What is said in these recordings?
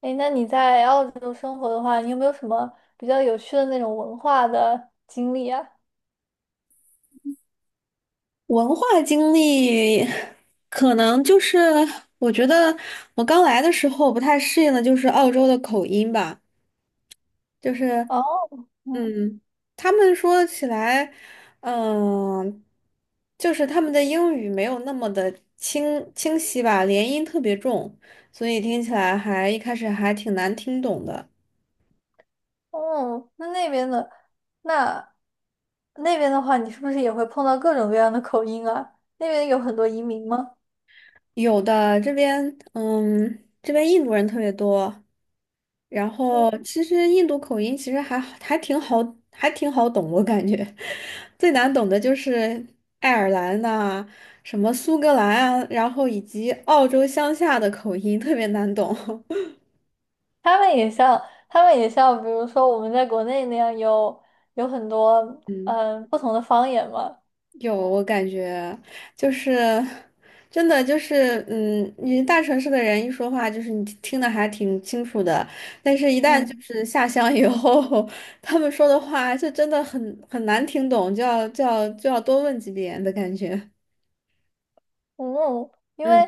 哎，那你在澳洲生活的话，你有没有什么比较有趣的那种文化的经历啊？文化经历，可能就是我觉得我刚来的时候不太适应的就是澳洲的口音吧，就是哦，嗯，嗯，他们说起来，嗯，就是他们的英语没有那么的清晰吧，连音特别重，所以听起来还一开始还挺难听懂的。哦，那那边的，那那边的话，你是不是也会碰到各种各样的口音啊？那边有很多移民吗？有的这边，这边印度人特别多，然嗯，后其实印度口音其实还好还挺好，还挺好懂，我感觉 最难懂的就是爱尔兰呐、什么苏格兰啊，然后以及澳洲乡下的口音特别难懂。他们也像，他们也像，比如说我们在国内那样有很多嗯。不同的方言嘛。有，我感觉就是真的就是，你大城市的人一说话，就是你听的还挺清楚的，但是一旦就嗯是下乡以后，他们说的话就真的很难听懂，就要多问几遍的感觉。嗯，因为嗯。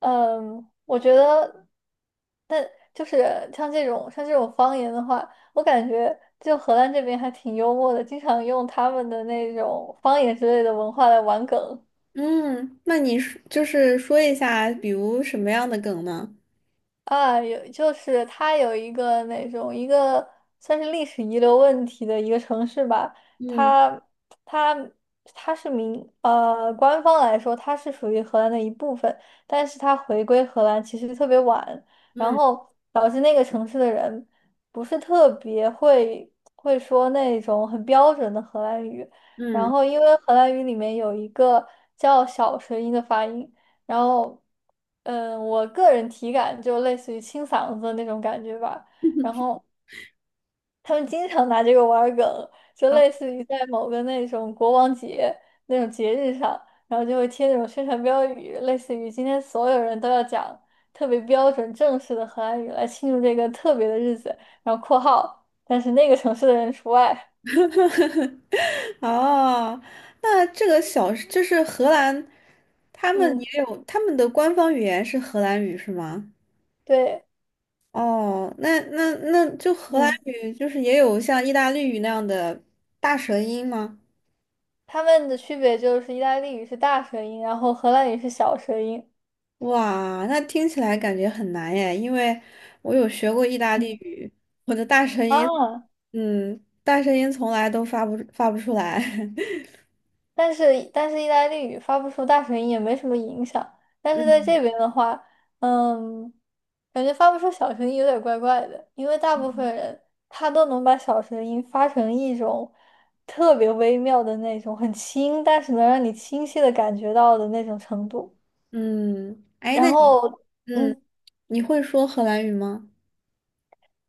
嗯，我觉得。就是像这种方言的话，我感觉就荷兰这边还挺幽默的，经常用他们的那种方言之类的文化来玩梗。嗯，那你说就是说一下，比如什么样的梗呢？啊，有就是它有一个那种一个算是历史遗留问题的一个城市吧，嗯它它它是官方来说它是属于荷兰的一部分，但是它回归荷兰其实特别晚，然嗯后导致那个城市的人不是特别会说那种很标准的荷兰语，然嗯。后因为荷兰语里面有一个叫小舌音的发音。然后，嗯，我个人体感就类似于清嗓子的那种感觉吧。然后他们经常拿这个玩儿梗，就类似于在某个那种国王节那种节日上，然后就会贴那种宣传标语，类似于今天所有人都要讲特别标准正式的荷兰语来庆祝这个特别的日子，然后括号，但是那个城市的人除外。哦，那这个小就是荷兰，他们嗯，也有他们的官方语言是荷兰语是吗？对，哦，那那就荷兰嗯，语就是也有像意大利语那样的大舌音吗？他们的区别就是意大利语是大舌音，然后荷兰语是小舌音。哇，那听起来感觉很难耶，因为我有学过意大利嗯语，我的大舌音，啊。嗯，大舌音从来都发不出来。但是意大利语发不出大声音也没什么影响。但是在嗯。这边的话，嗯，感觉发不出小声音有点怪怪的，因为大部嗯，分人他都能把小声音发成一种特别微妙的那种，很轻，但是能让你清晰的感觉到的那种程度。嗯哎，然那你，后，嗯，嗯，你会说荷兰语吗？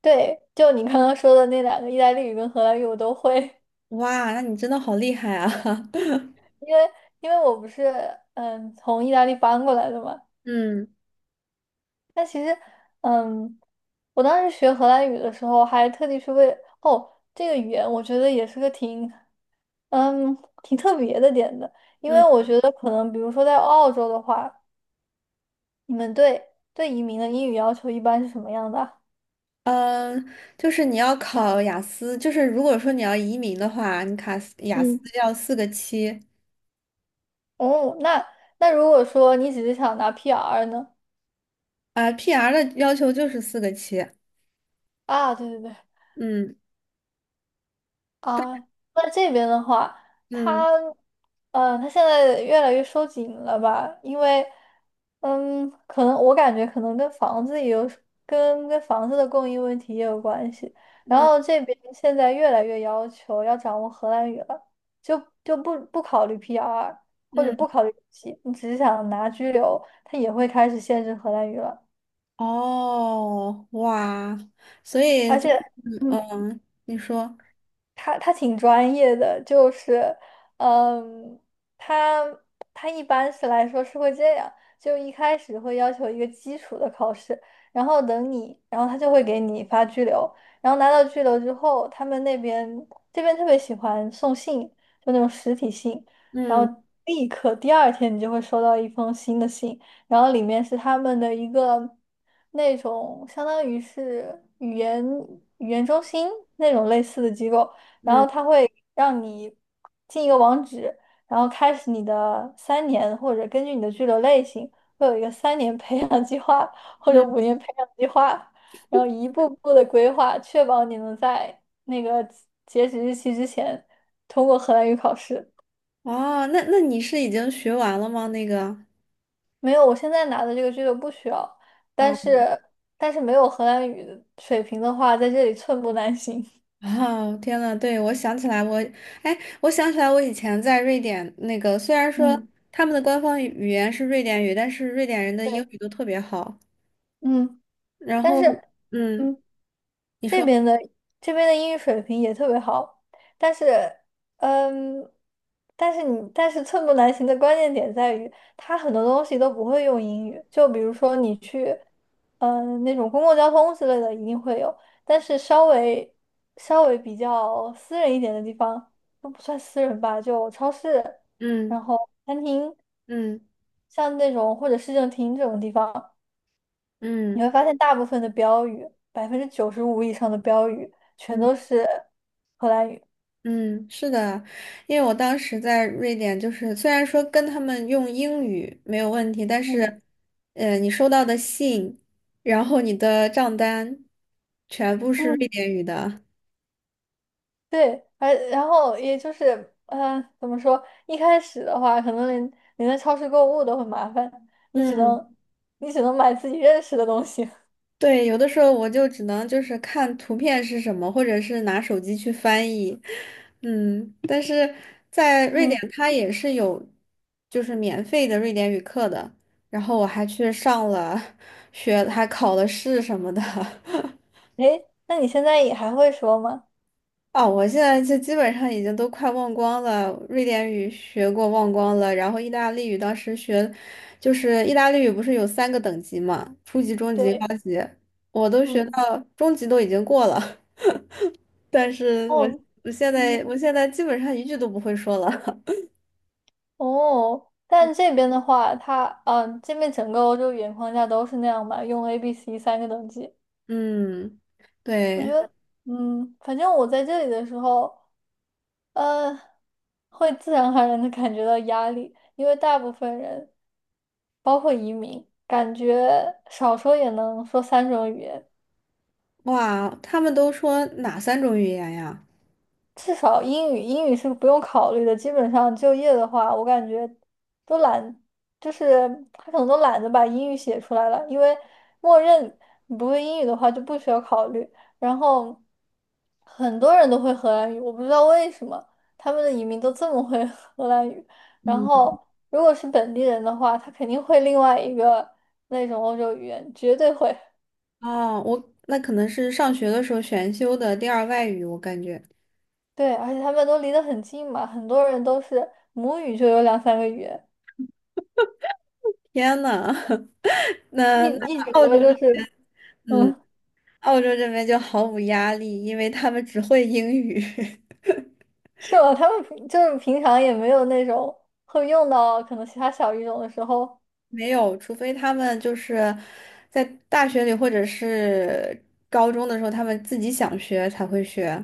对，就你刚刚说的那两个意大利语跟荷兰语我都会，哇，那你真的好厉害啊！因为因为我不是从意大利搬过来的嘛。嗯。但其实，嗯，我当时学荷兰语的时候，还特地去这个语言，我觉得也是个嗯挺特别的点的，因嗯。为我觉得可能比如说在澳洲的话，你们对移民的英语要求一般是什么样的啊？嗯，就是你要考雅思，就是如果说你要移民的话，你卡斯雅思嗯，要四个七。哦，那那如果说你只是想拿 PR 呢？啊，PR 的要求就是四个七。啊，对对对，嗯。啊，那这边的话，他，嗯。呃，他现在越来越收紧了吧？因为，嗯，可能我感觉可能跟房子也有，跟房子的供应问题也有关系。然嗯。后这边现在越来越要求要掌握荷兰语了，就不考虑 PR 或者嗯，不考虑国籍，你只是想拿拘留，他也会开始限制荷兰语了，哦，哇，所以而就且。嗯。嗯，嗯你说他挺专业的，就是，嗯，他他一般来说是会这样，就一开始会要求一个基础的考试，然后等你，然后他就会给你发拘留，然后拿到拘留之后，他们那边这边特别喜欢送信，就那种实体信，然嗯后立刻第2天你就会收到一封新的信，然后里面是他们的一个那种相当于是语言中心那种类似的机构。然嗯后它会让你进一个网址，然后开始你的三年，或者根据你的居留类型，会有一个三年培养计划或者嗯，5年培养计划，然后一步步的规划，确保你能在那个截止日期之前通过荷兰语考试。哦，那那你是已经学完了吗？那个。没有，我现在拿的这个居留不需要，但啊。是没有荷兰语的水平的话，在这里寸步难行。哦，天呐，我想起来我以前在瑞典那个，虽然说嗯，他们的官方语言是瑞典语，但是瑞典人的英对，语都特别好。嗯，然但后，是。嗯，嗯。你这说，边的这边的英语水平也特别好，但是，嗯，但是但是寸步难行的关键点在于，他很多东西都不会用英语，就比如说你去，嗯，那种公共交通之类的一定会有，但是稍微比较私人一点的地方都不算私人吧，就超市，嗯然后餐厅，嗯像那种或者市政厅这种地方。你嗯会发现大部分的标语，95%以上的标语全嗯都是荷兰语。嗯，是的，因为我当时在瑞典，就是虽然说跟他们用英语没有问题，但嗯是，你收到的信，然后你的账单，全部是瑞嗯典语的。对，而然后也就是，呃，怎么说？一开始的话，可能连在超市购物都很麻烦，你只嗯。能你只能买自己认识的东西。对，有的时候我就只能就是看图片是什么，或者是拿手机去翻译，但是在瑞嗯，典它也是有就是免费的瑞典语课的，然后我还去上了学，还考了试什么的。诶，那你现在也还会说吗？哦，我现在就基本上已经都快忘光了，瑞典语学过忘光了，然后意大利语当时学，就是意大利语不是有三个等级嘛，初级、中级、高对，级，我都学嗯，到中级都已经过了。但是我哦，我现在嗯，我现在基本上一句都不会说了。哦，但这边的话，这边整个欧洲语言框架都是那样嘛，用 A、B、C 三个等级。嗯，对，嗯，反正我在这里的时候，呃，会自然而然的感觉到压力，因为大部分人，包括移民，感觉少说也能说3种语言，哇，他们都说哪三种语言呀？至少英语，英语是不用考虑的。基本上就业的话，我感觉都懒，就是他可能都懒得把英语写出来了，因为默认你不会英语的话就不需要考虑。然后很多人都会荷兰语，我不知道为什么他们的移民都这么会 荷兰语。然嗯，后如果是本地人的话，他肯定会另外一个那种欧洲语言，绝对会。哦，我那可能是上学的时候选修的第二外语，我感觉。对，而且他们都离得很近嘛，很多人都是母语就有两三个语言。天呐，一那那一直澳觉得洲这就是，嗯，嗯，澳洲这边就毫无压力，因为他们只会英语，是吧？他们就是平常也没有那种会用到可能其他小语种的时候。没有，除非他们就是在大学里或者是高中的时候，他们自己想学才会学。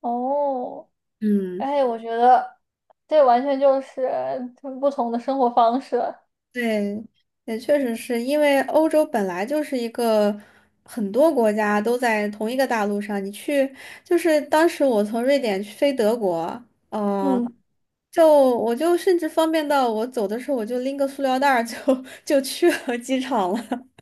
哦，嗯。哎，我觉得这完全就是不同的生活方式。对，也确实是因为欧洲本来就是一个很多国家都在同一个大陆上，你去就是当时我从瑞典去飞德国，嗯。嗯，就我就甚至方便到我走的时候我就拎个塑料袋儿就 就去了机场了。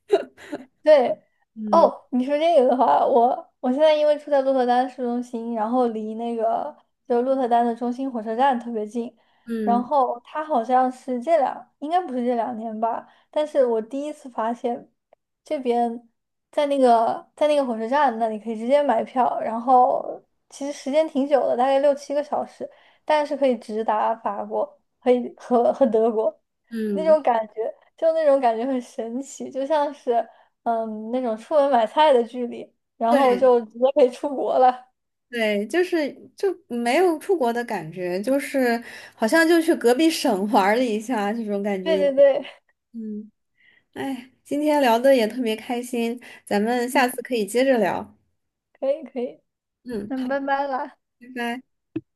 对，嗯。哦，你说这个的话，我现在因为住在鹿特丹市中心，然后离那个鹿特丹的中心火车站特别近，然嗯。后它好像是这两，应该不是这两年吧，但是我第1次发现这边在那个火车站那里可以直接买票，然后其实时间挺久的，大概六七个小时，但是可以直达法国，可以和德国。那嗯，种感觉，就那种感觉很神奇，就像是嗯那种出门买菜的距离，然后对就直接可以出国了。对，就是就没有出国的感觉，就是好像就去隔壁省玩儿了一下这种感对觉。对对嗯。哎，今天聊的也特别开心，咱们 下嗯，次可以接着聊。可以可以，嗯，那好，拜拜啦。拜拜。